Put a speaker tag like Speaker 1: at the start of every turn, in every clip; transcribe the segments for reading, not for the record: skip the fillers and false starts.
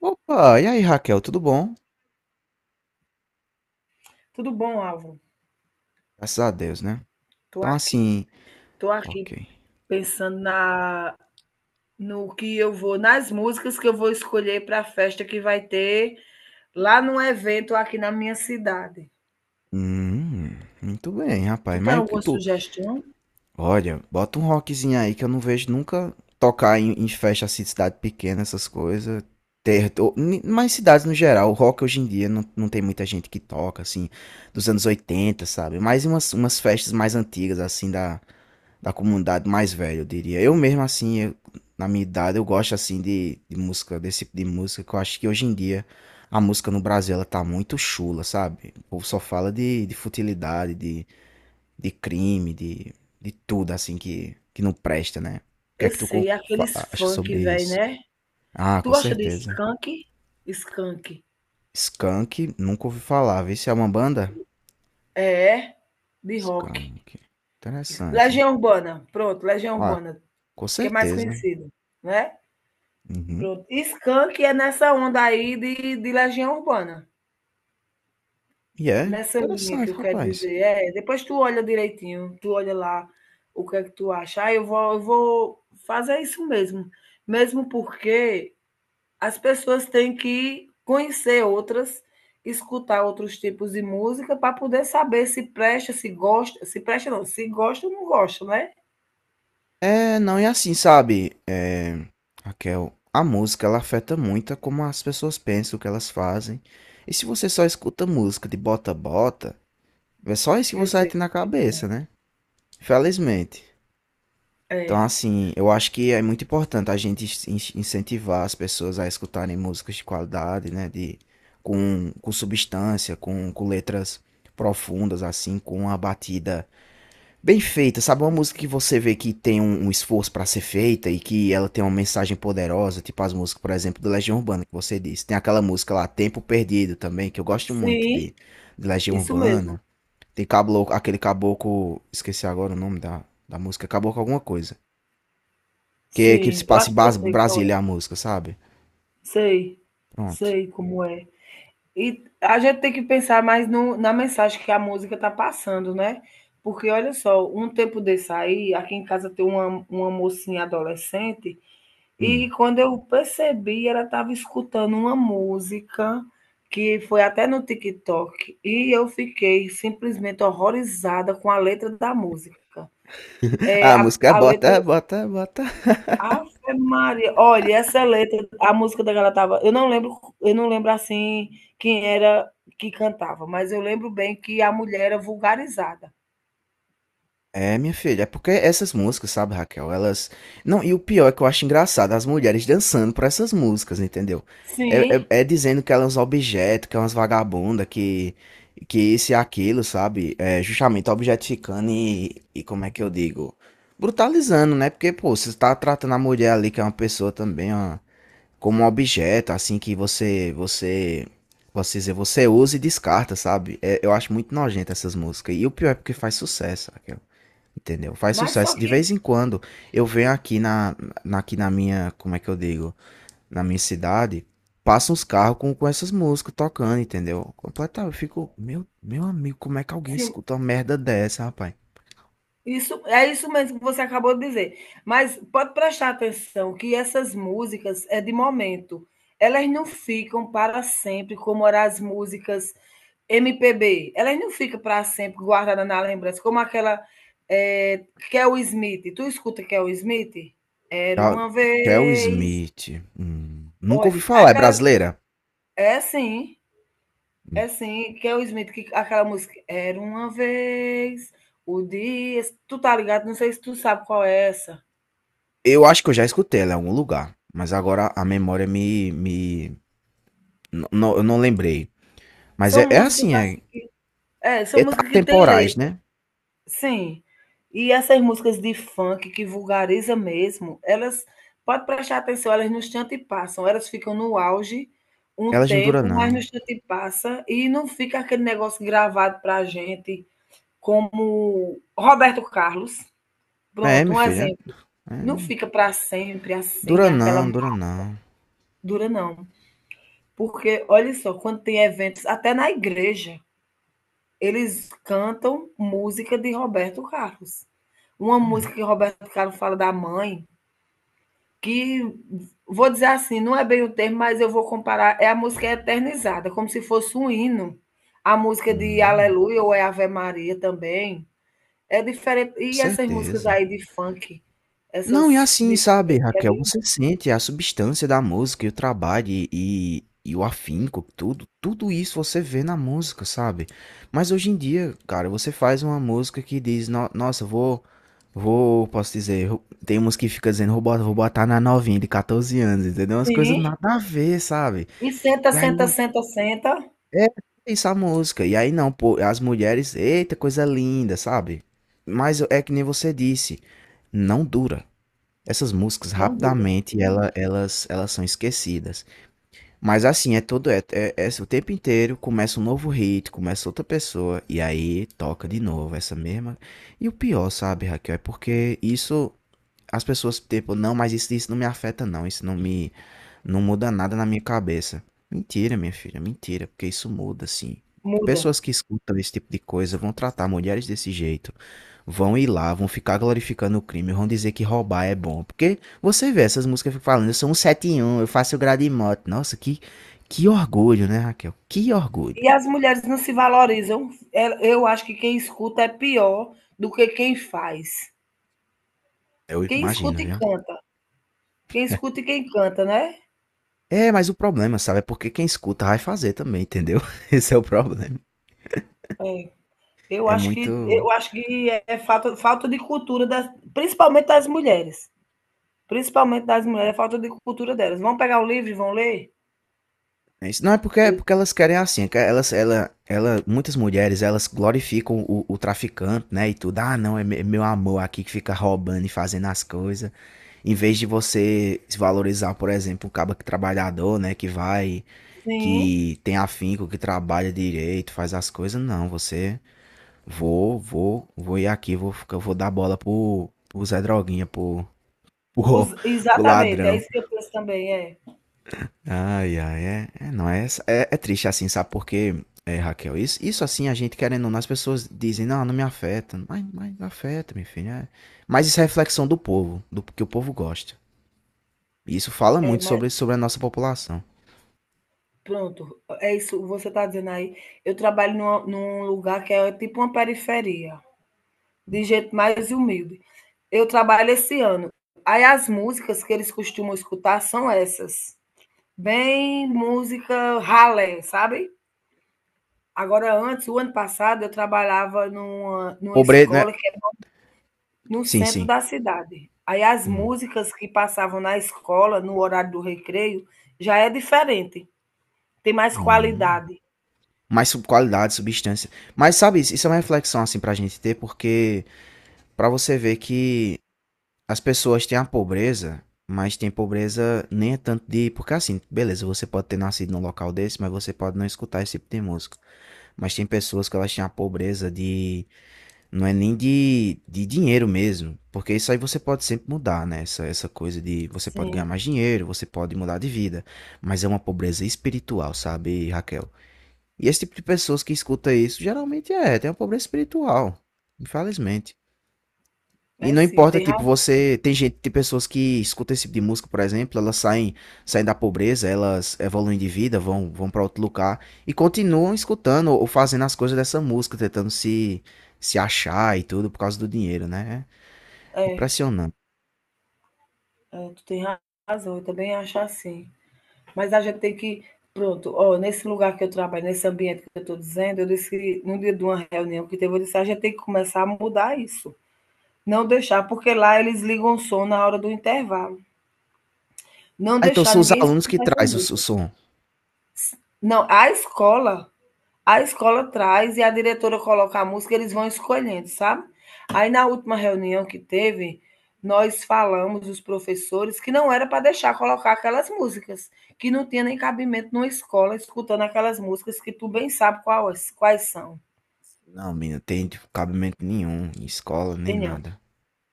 Speaker 1: Opa, e aí Raquel, tudo bom?
Speaker 2: Tudo bom, Álvaro?
Speaker 1: Graças a Deus, né?
Speaker 2: Tô
Speaker 1: Então
Speaker 2: aqui,
Speaker 1: assim,
Speaker 2: tô aqui
Speaker 1: ok.
Speaker 2: pensando na no que eu vou, nas músicas que eu vou escolher para a festa que vai ter lá num evento aqui na minha cidade.
Speaker 1: Hum, muito bem, rapaz.
Speaker 2: Tu tem
Speaker 1: Mas o que
Speaker 2: alguma
Speaker 1: tu.
Speaker 2: sugestão?
Speaker 1: Olha, bota um rockzinho aí que eu não vejo nunca tocar em festa assim de cidade pequena, essas coisas. Mas cidades no geral, o rock hoje em dia não tem muita gente que toca, assim, dos anos oitenta, sabe? Mais umas festas mais antigas, assim, da comunidade mais velha, eu diria. Eu mesmo, assim, na minha idade, eu gosto, assim, de música, desse tipo de música, que eu acho que hoje em dia a música no Brasil, ela tá muito chula, sabe? O povo só fala de futilidade, de crime, de tudo, assim, que não presta, né? O que é
Speaker 2: Eu
Speaker 1: que tu
Speaker 2: sei, aqueles
Speaker 1: acha
Speaker 2: funk,
Speaker 1: sobre
Speaker 2: velho,
Speaker 1: isso?
Speaker 2: né?
Speaker 1: Ah,
Speaker 2: Tu
Speaker 1: com
Speaker 2: gosta de
Speaker 1: certeza.
Speaker 2: Skank? Skank.
Speaker 1: Skank, nunca ouvi falar. Vê se é uma banda?
Speaker 2: É, é? De rock.
Speaker 1: Skank. Interessante.
Speaker 2: Legião Urbana, pronto, Legião
Speaker 1: Ah,
Speaker 2: Urbana,
Speaker 1: com
Speaker 2: que é mais
Speaker 1: certeza.
Speaker 2: conhecido, né?
Speaker 1: Uhum.
Speaker 2: Pronto. Skank é nessa onda aí de Legião Urbana.
Speaker 1: E é
Speaker 2: Nessa linha que
Speaker 1: interessante,
Speaker 2: eu quero
Speaker 1: rapaz.
Speaker 2: dizer, é, depois tu olha direitinho, tu olha lá o que é que tu acha. Ah, eu vou fazer isso mesmo. Mesmo porque as pessoas têm que conhecer outras, escutar outros tipos de música para poder saber se presta, se gosta, se presta não, se gosta ou não gosta, né?
Speaker 1: É, não, E assim, sabe, Raquel, a música ela afeta muito a como as pessoas pensam, o que elas fazem. E se você só escuta música de bota-bota, é só isso que
Speaker 2: Eu
Speaker 1: você vai
Speaker 2: sei.
Speaker 1: ter na cabeça, né? Felizmente.
Speaker 2: É.
Speaker 1: Então,
Speaker 2: É.
Speaker 1: assim, eu acho que é muito importante a gente incentivar as pessoas a escutarem músicas de qualidade, né? De, com substância, com letras profundas, assim, com uma batida bem feita, sabe? Uma música que você vê que tem um esforço pra ser feita e que ela tem uma mensagem poderosa, tipo as músicas, por exemplo, do Legião Urbana que você disse. Tem aquela música lá, Tempo Perdido também, que eu gosto muito
Speaker 2: Sim,
Speaker 1: de Legião
Speaker 2: isso
Speaker 1: Urbana.
Speaker 2: mesmo.
Speaker 1: Aquele caboclo, esqueci agora o nome da música, caboclo alguma coisa. Que se
Speaker 2: Sim, eu acho
Speaker 1: passa em
Speaker 2: que eu sei qual
Speaker 1: Brasília
Speaker 2: é.
Speaker 1: a música, sabe?
Speaker 2: Sei,
Speaker 1: Pronto.
Speaker 2: sei como é. E a gente tem que pensar mais no, na mensagem que a música está passando, né? Porque olha só, um tempo desse aí, aqui em casa tem uma mocinha adolescente, e
Speaker 1: Hum.
Speaker 2: quando eu percebi, ela estava escutando uma música que foi até no TikTok, e eu fiquei simplesmente horrorizada com a letra da música. É,
Speaker 1: A
Speaker 2: a,
Speaker 1: música é
Speaker 2: a letra
Speaker 1: bota, bota, bota.
Speaker 2: Ave Maria, olha, essa letra, a música da galera tava, eu não lembro assim quem era que cantava, mas eu lembro bem que a mulher era vulgarizada.
Speaker 1: É, minha filha, é porque essas músicas, sabe, Raquel, elas. Não, e o pior é que eu acho engraçado as mulheres dançando pra essas músicas, entendeu?
Speaker 2: Sim,
Speaker 1: É dizendo que elas são objetos, que elas umas vagabundas, que isso e aquilo, sabe? É justamente objetificando e como é que eu digo? Brutalizando, né? Porque, pô, você tá tratando a mulher ali, que é uma pessoa também, ó, como um objeto, assim, que você, posso dizer, você usa e descarta, sabe? É, eu acho muito nojento essas músicas. E o pior é porque faz sucesso, Raquel. Entendeu? Faz
Speaker 2: mas só
Speaker 1: sucesso. De
Speaker 2: que
Speaker 1: vez em quando eu venho aqui aqui na minha, como é que eu digo? Na minha cidade, passam uns carros com essas músicas tocando, entendeu? Completamente. Eu fico, meu amigo, como é que alguém
Speaker 2: sim,
Speaker 1: escuta uma merda dessa, rapaz?
Speaker 2: isso é isso mesmo que você acabou de dizer. Mas pode prestar atenção que essas músicas é de momento. Elas não ficam para sempre, como eram as músicas MPB. Elas não ficam para sempre guardadas na lembrança, como aquela é Kel Smith. Tu escuta Kel Smith? Era
Speaker 1: Cal-
Speaker 2: uma
Speaker 1: Kel
Speaker 2: vez.
Speaker 1: Smith. Hum, nunca ouvi
Speaker 2: Olhe,
Speaker 1: falar, é
Speaker 2: aquela.
Speaker 1: brasileira?
Speaker 2: É sim,
Speaker 1: Hum.
Speaker 2: é sim. Kel Smith, que, aquela música. Era uma vez. O dia. Tu tá ligado? Não sei se tu sabe qual é essa.
Speaker 1: Eu acho que eu já escutei ela em algum lugar, mas agora a memória me... eu não lembrei. Mas
Speaker 2: São
Speaker 1: é, é
Speaker 2: músicas
Speaker 1: assim, é,
Speaker 2: assim é,
Speaker 1: é
Speaker 2: são músicas que têm
Speaker 1: atemporais,
Speaker 2: letra.
Speaker 1: né?
Speaker 2: Sim. E essas músicas de funk que vulgariza mesmo, elas pode prestar atenção, elas no instante passam, elas ficam no auge um
Speaker 1: Elas não duram,
Speaker 2: tempo, mas no
Speaker 1: não.
Speaker 2: instante passa e não fica aquele negócio gravado pra gente, como Roberto Carlos.
Speaker 1: É,
Speaker 2: Pronto,
Speaker 1: meu
Speaker 2: um
Speaker 1: filho,
Speaker 2: exemplo. Não
Speaker 1: é.
Speaker 2: fica pra sempre assim,
Speaker 1: Dura
Speaker 2: aquela
Speaker 1: não, dura não.
Speaker 2: dura não. Porque olha só, quando tem eventos até na igreja eles cantam música de Roberto Carlos. Uma
Speaker 1: É.
Speaker 2: música que Roberto Carlos fala da mãe, que vou dizer assim, não é bem o termo, mas eu vou comparar, é a música eternizada, como se fosse um hino. A música de
Speaker 1: Hum,
Speaker 2: Aleluia ou é Ave Maria também. É diferente. E essas músicas
Speaker 1: certeza.
Speaker 2: aí de funk,
Speaker 1: Não, e
Speaker 2: essas
Speaker 1: assim,
Speaker 2: de
Speaker 1: sabe,
Speaker 2: funk, é
Speaker 1: Raquel,
Speaker 2: bem-
Speaker 1: você sente a substância da música e o trabalho e o afinco, tudo, tudo isso você vê na música, sabe. Mas hoje em dia, cara, você faz uma música que diz: "No nossa, vou posso dizer, ro". Tem umas que fica dizendo: Vou botar na novinha de 14 anos", entendeu, umas coisas
Speaker 2: sim,
Speaker 1: nada a ver, sabe.
Speaker 2: e senta, senta, senta, senta,
Speaker 1: É, isso a música. E aí não, pô, as mulheres, eita, coisa linda, sabe? Mas é que nem você disse, não dura. Essas músicas
Speaker 2: não dura,
Speaker 1: rapidamente ela, elas são esquecidas. Mas assim, é é o tempo inteiro, começa um novo hit, começa outra pessoa e aí toca de novo essa mesma. E o pior, sabe, Raquel, é porque isso as pessoas, tipo, não, mas isso não me afeta, não. Isso não me. Não muda nada na minha cabeça. Mentira, minha filha, mentira, porque isso muda, assim.
Speaker 2: muda.
Speaker 1: Pessoas que escutam esse tipo de coisa vão tratar mulheres desse jeito, vão ir lá, vão ficar glorificando o crime, vão dizer que roubar é bom. Porque você vê essas músicas ficam falando: "Eu sou um sete e um, eu faço grade em moto". Nossa, que orgulho, né, Raquel? Que orgulho.
Speaker 2: E as mulheres não se valorizam. É- eu acho que quem escuta é pior do que quem faz.
Speaker 1: Eu
Speaker 2: Quem
Speaker 1: imagino,
Speaker 2: escuta e
Speaker 1: viu?
Speaker 2: canta. Quem escuta e quem canta, né?
Speaker 1: É, mas o problema, sabe, é porque quem escuta vai fazer também, entendeu? Esse é o problema.
Speaker 2: É. Eu
Speaker 1: É
Speaker 2: acho que,
Speaker 1: muito.
Speaker 2: eu acho que é é falta, falta de cultura, das, principalmente das mulheres. Principalmente das mulheres, é falta de cultura delas. Vão pegar o livro e vão ler?
Speaker 1: É isso. Não, é
Speaker 2: Eu-
Speaker 1: porque elas querem assim, é que ela, muitas mulheres, elas glorificam o traficante, né, e tudo, ah, não, é é meu amor aqui que fica roubando e fazendo as coisas, em vez de você se valorizar, por exemplo, o cabo que trabalhador, né, que vai,
Speaker 2: sim,
Speaker 1: que tem afinco, que trabalha direito, faz as coisas, não, você, vou ir aqui, vou dar bola pro, pro Zé Droguinha, pro,
Speaker 2: os-
Speaker 1: pro
Speaker 2: exatamente, é
Speaker 1: ladrão.
Speaker 2: isso que eu penso também. É,
Speaker 1: Ai, ai, é, é, não, é, é, é triste assim, sabe? Porque, é, Raquel, isso assim, a gente querendo ou não, as pessoas dizem: "Não, não me afeta", mas afeta, meu filho, é. Mas isso é reflexão do povo, do que o povo gosta. E isso fala
Speaker 2: é,
Speaker 1: muito
Speaker 2: mas
Speaker 1: sobre a nossa população.
Speaker 2: pronto, é isso que você está dizendo aí. Eu trabalho numa- num lugar que é tipo uma periferia. De gente mais humilde. Eu trabalho esse ano. Aí as músicas que eles costumam escutar são essas. Bem música ralé, sabe? Agora, antes, o ano passado, eu trabalhava numa
Speaker 1: Pobre, né?
Speaker 2: escola que é no
Speaker 1: Sim,
Speaker 2: centro
Speaker 1: sim.
Speaker 2: da cidade. Aí as
Speaker 1: Hum,
Speaker 2: músicas que passavam na escola, no horário do recreio, já é diferente. Tem mais
Speaker 1: hum.
Speaker 2: qualidade.
Speaker 1: Qualidade, substância. Mas, sabe, isso é uma reflexão assim pra gente ter, porque pra você ver que as pessoas têm a pobreza, mas tem pobreza nem é tanto de. Porque assim, beleza, você pode ter nascido num local desse, mas você pode não escutar esse tipo de música. Mas tem pessoas que elas têm a pobreza de. Não é nem de dinheiro mesmo. Porque isso aí você pode sempre mudar, né? Essa coisa de você pode ganhar
Speaker 2: Sim,
Speaker 1: mais dinheiro, você pode mudar de vida. Mas é uma pobreza espiritual, sabe, Raquel? E esse tipo de pessoas que escuta isso geralmente é, tem uma pobreza espiritual. Infelizmente. E
Speaker 2: é
Speaker 1: não
Speaker 2: sim,
Speaker 1: importa,
Speaker 2: tem
Speaker 1: tipo,
Speaker 2: razão.
Speaker 1: você. Tem gente, tem pessoas que escutam esse tipo de música, por exemplo, elas saem, saem da pobreza, elas evoluem de vida, vão para outro lugar e continuam escutando ou fazendo as coisas dessa música, tentando se achar e tudo por causa do dinheiro, né? É
Speaker 2: É,
Speaker 1: impressionante.
Speaker 2: é, tu tem razão, eu também acho assim. Mas a gente tem que, pronto, ó, nesse lugar que eu trabalho, nesse ambiente que eu estou dizendo, eu disse, que no dia de uma reunião que teve, eu disse, a gente tem que começar a mudar isso. Não deixar, porque lá eles ligam o som na hora do intervalo. Não
Speaker 1: Ah, então
Speaker 2: deixar
Speaker 1: são os
Speaker 2: ninguém
Speaker 1: alunos que
Speaker 2: escutar essa
Speaker 1: traz o
Speaker 2: música.
Speaker 1: som.
Speaker 2: Não, a escola traz e a diretora coloca a música, eles vão escolhendo, sabe? Aí na última reunião que teve, nós falamos, os professores, que não era para deixar colocar aquelas músicas, que não tinha nem cabimento numa escola escutando aquelas músicas que tu bem sabe quais são,
Speaker 1: Não, menina, tem tipo, cabimento nenhum, em escola nem
Speaker 2: entendeu?
Speaker 1: nada.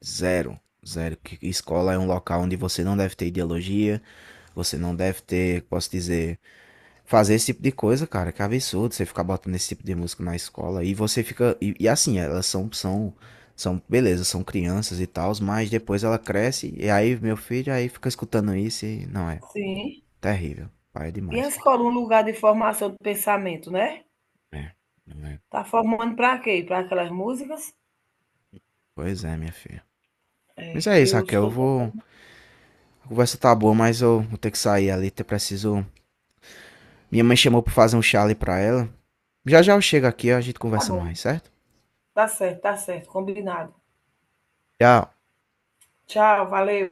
Speaker 1: Zero. Zero. Que escola é um local onde você não deve ter ideologia, você não deve ter, posso dizer, fazer esse tipo de coisa, cara, que absurdo você ficar botando esse tipo de música na escola e você fica e assim, elas são são são beleza, são crianças e tal, mas depois ela cresce e aí meu filho aí fica escutando isso e não é
Speaker 2: Sim.
Speaker 1: terrível, pai, é
Speaker 2: E a
Speaker 1: demais.
Speaker 2: escola, um lugar de formação do pensamento, né?
Speaker 1: É, não é.
Speaker 2: Tá formando para quê? Para aquelas músicas?
Speaker 1: Pois é, minha filha. Mas
Speaker 2: É,
Speaker 1: é isso,
Speaker 2: eu
Speaker 1: Raquel, eu
Speaker 2: sou.
Speaker 1: vou, a conversa tá boa, mas eu vou ter que sair ali, eu preciso. Minha mãe chamou pra fazer um chá ali pra ela. Já já eu chego aqui, a gente
Speaker 2: Tá
Speaker 1: conversa
Speaker 2: bom,
Speaker 1: mais, certo?
Speaker 2: tá certo, combinado.
Speaker 1: Tchau.
Speaker 2: Tchau, valeu.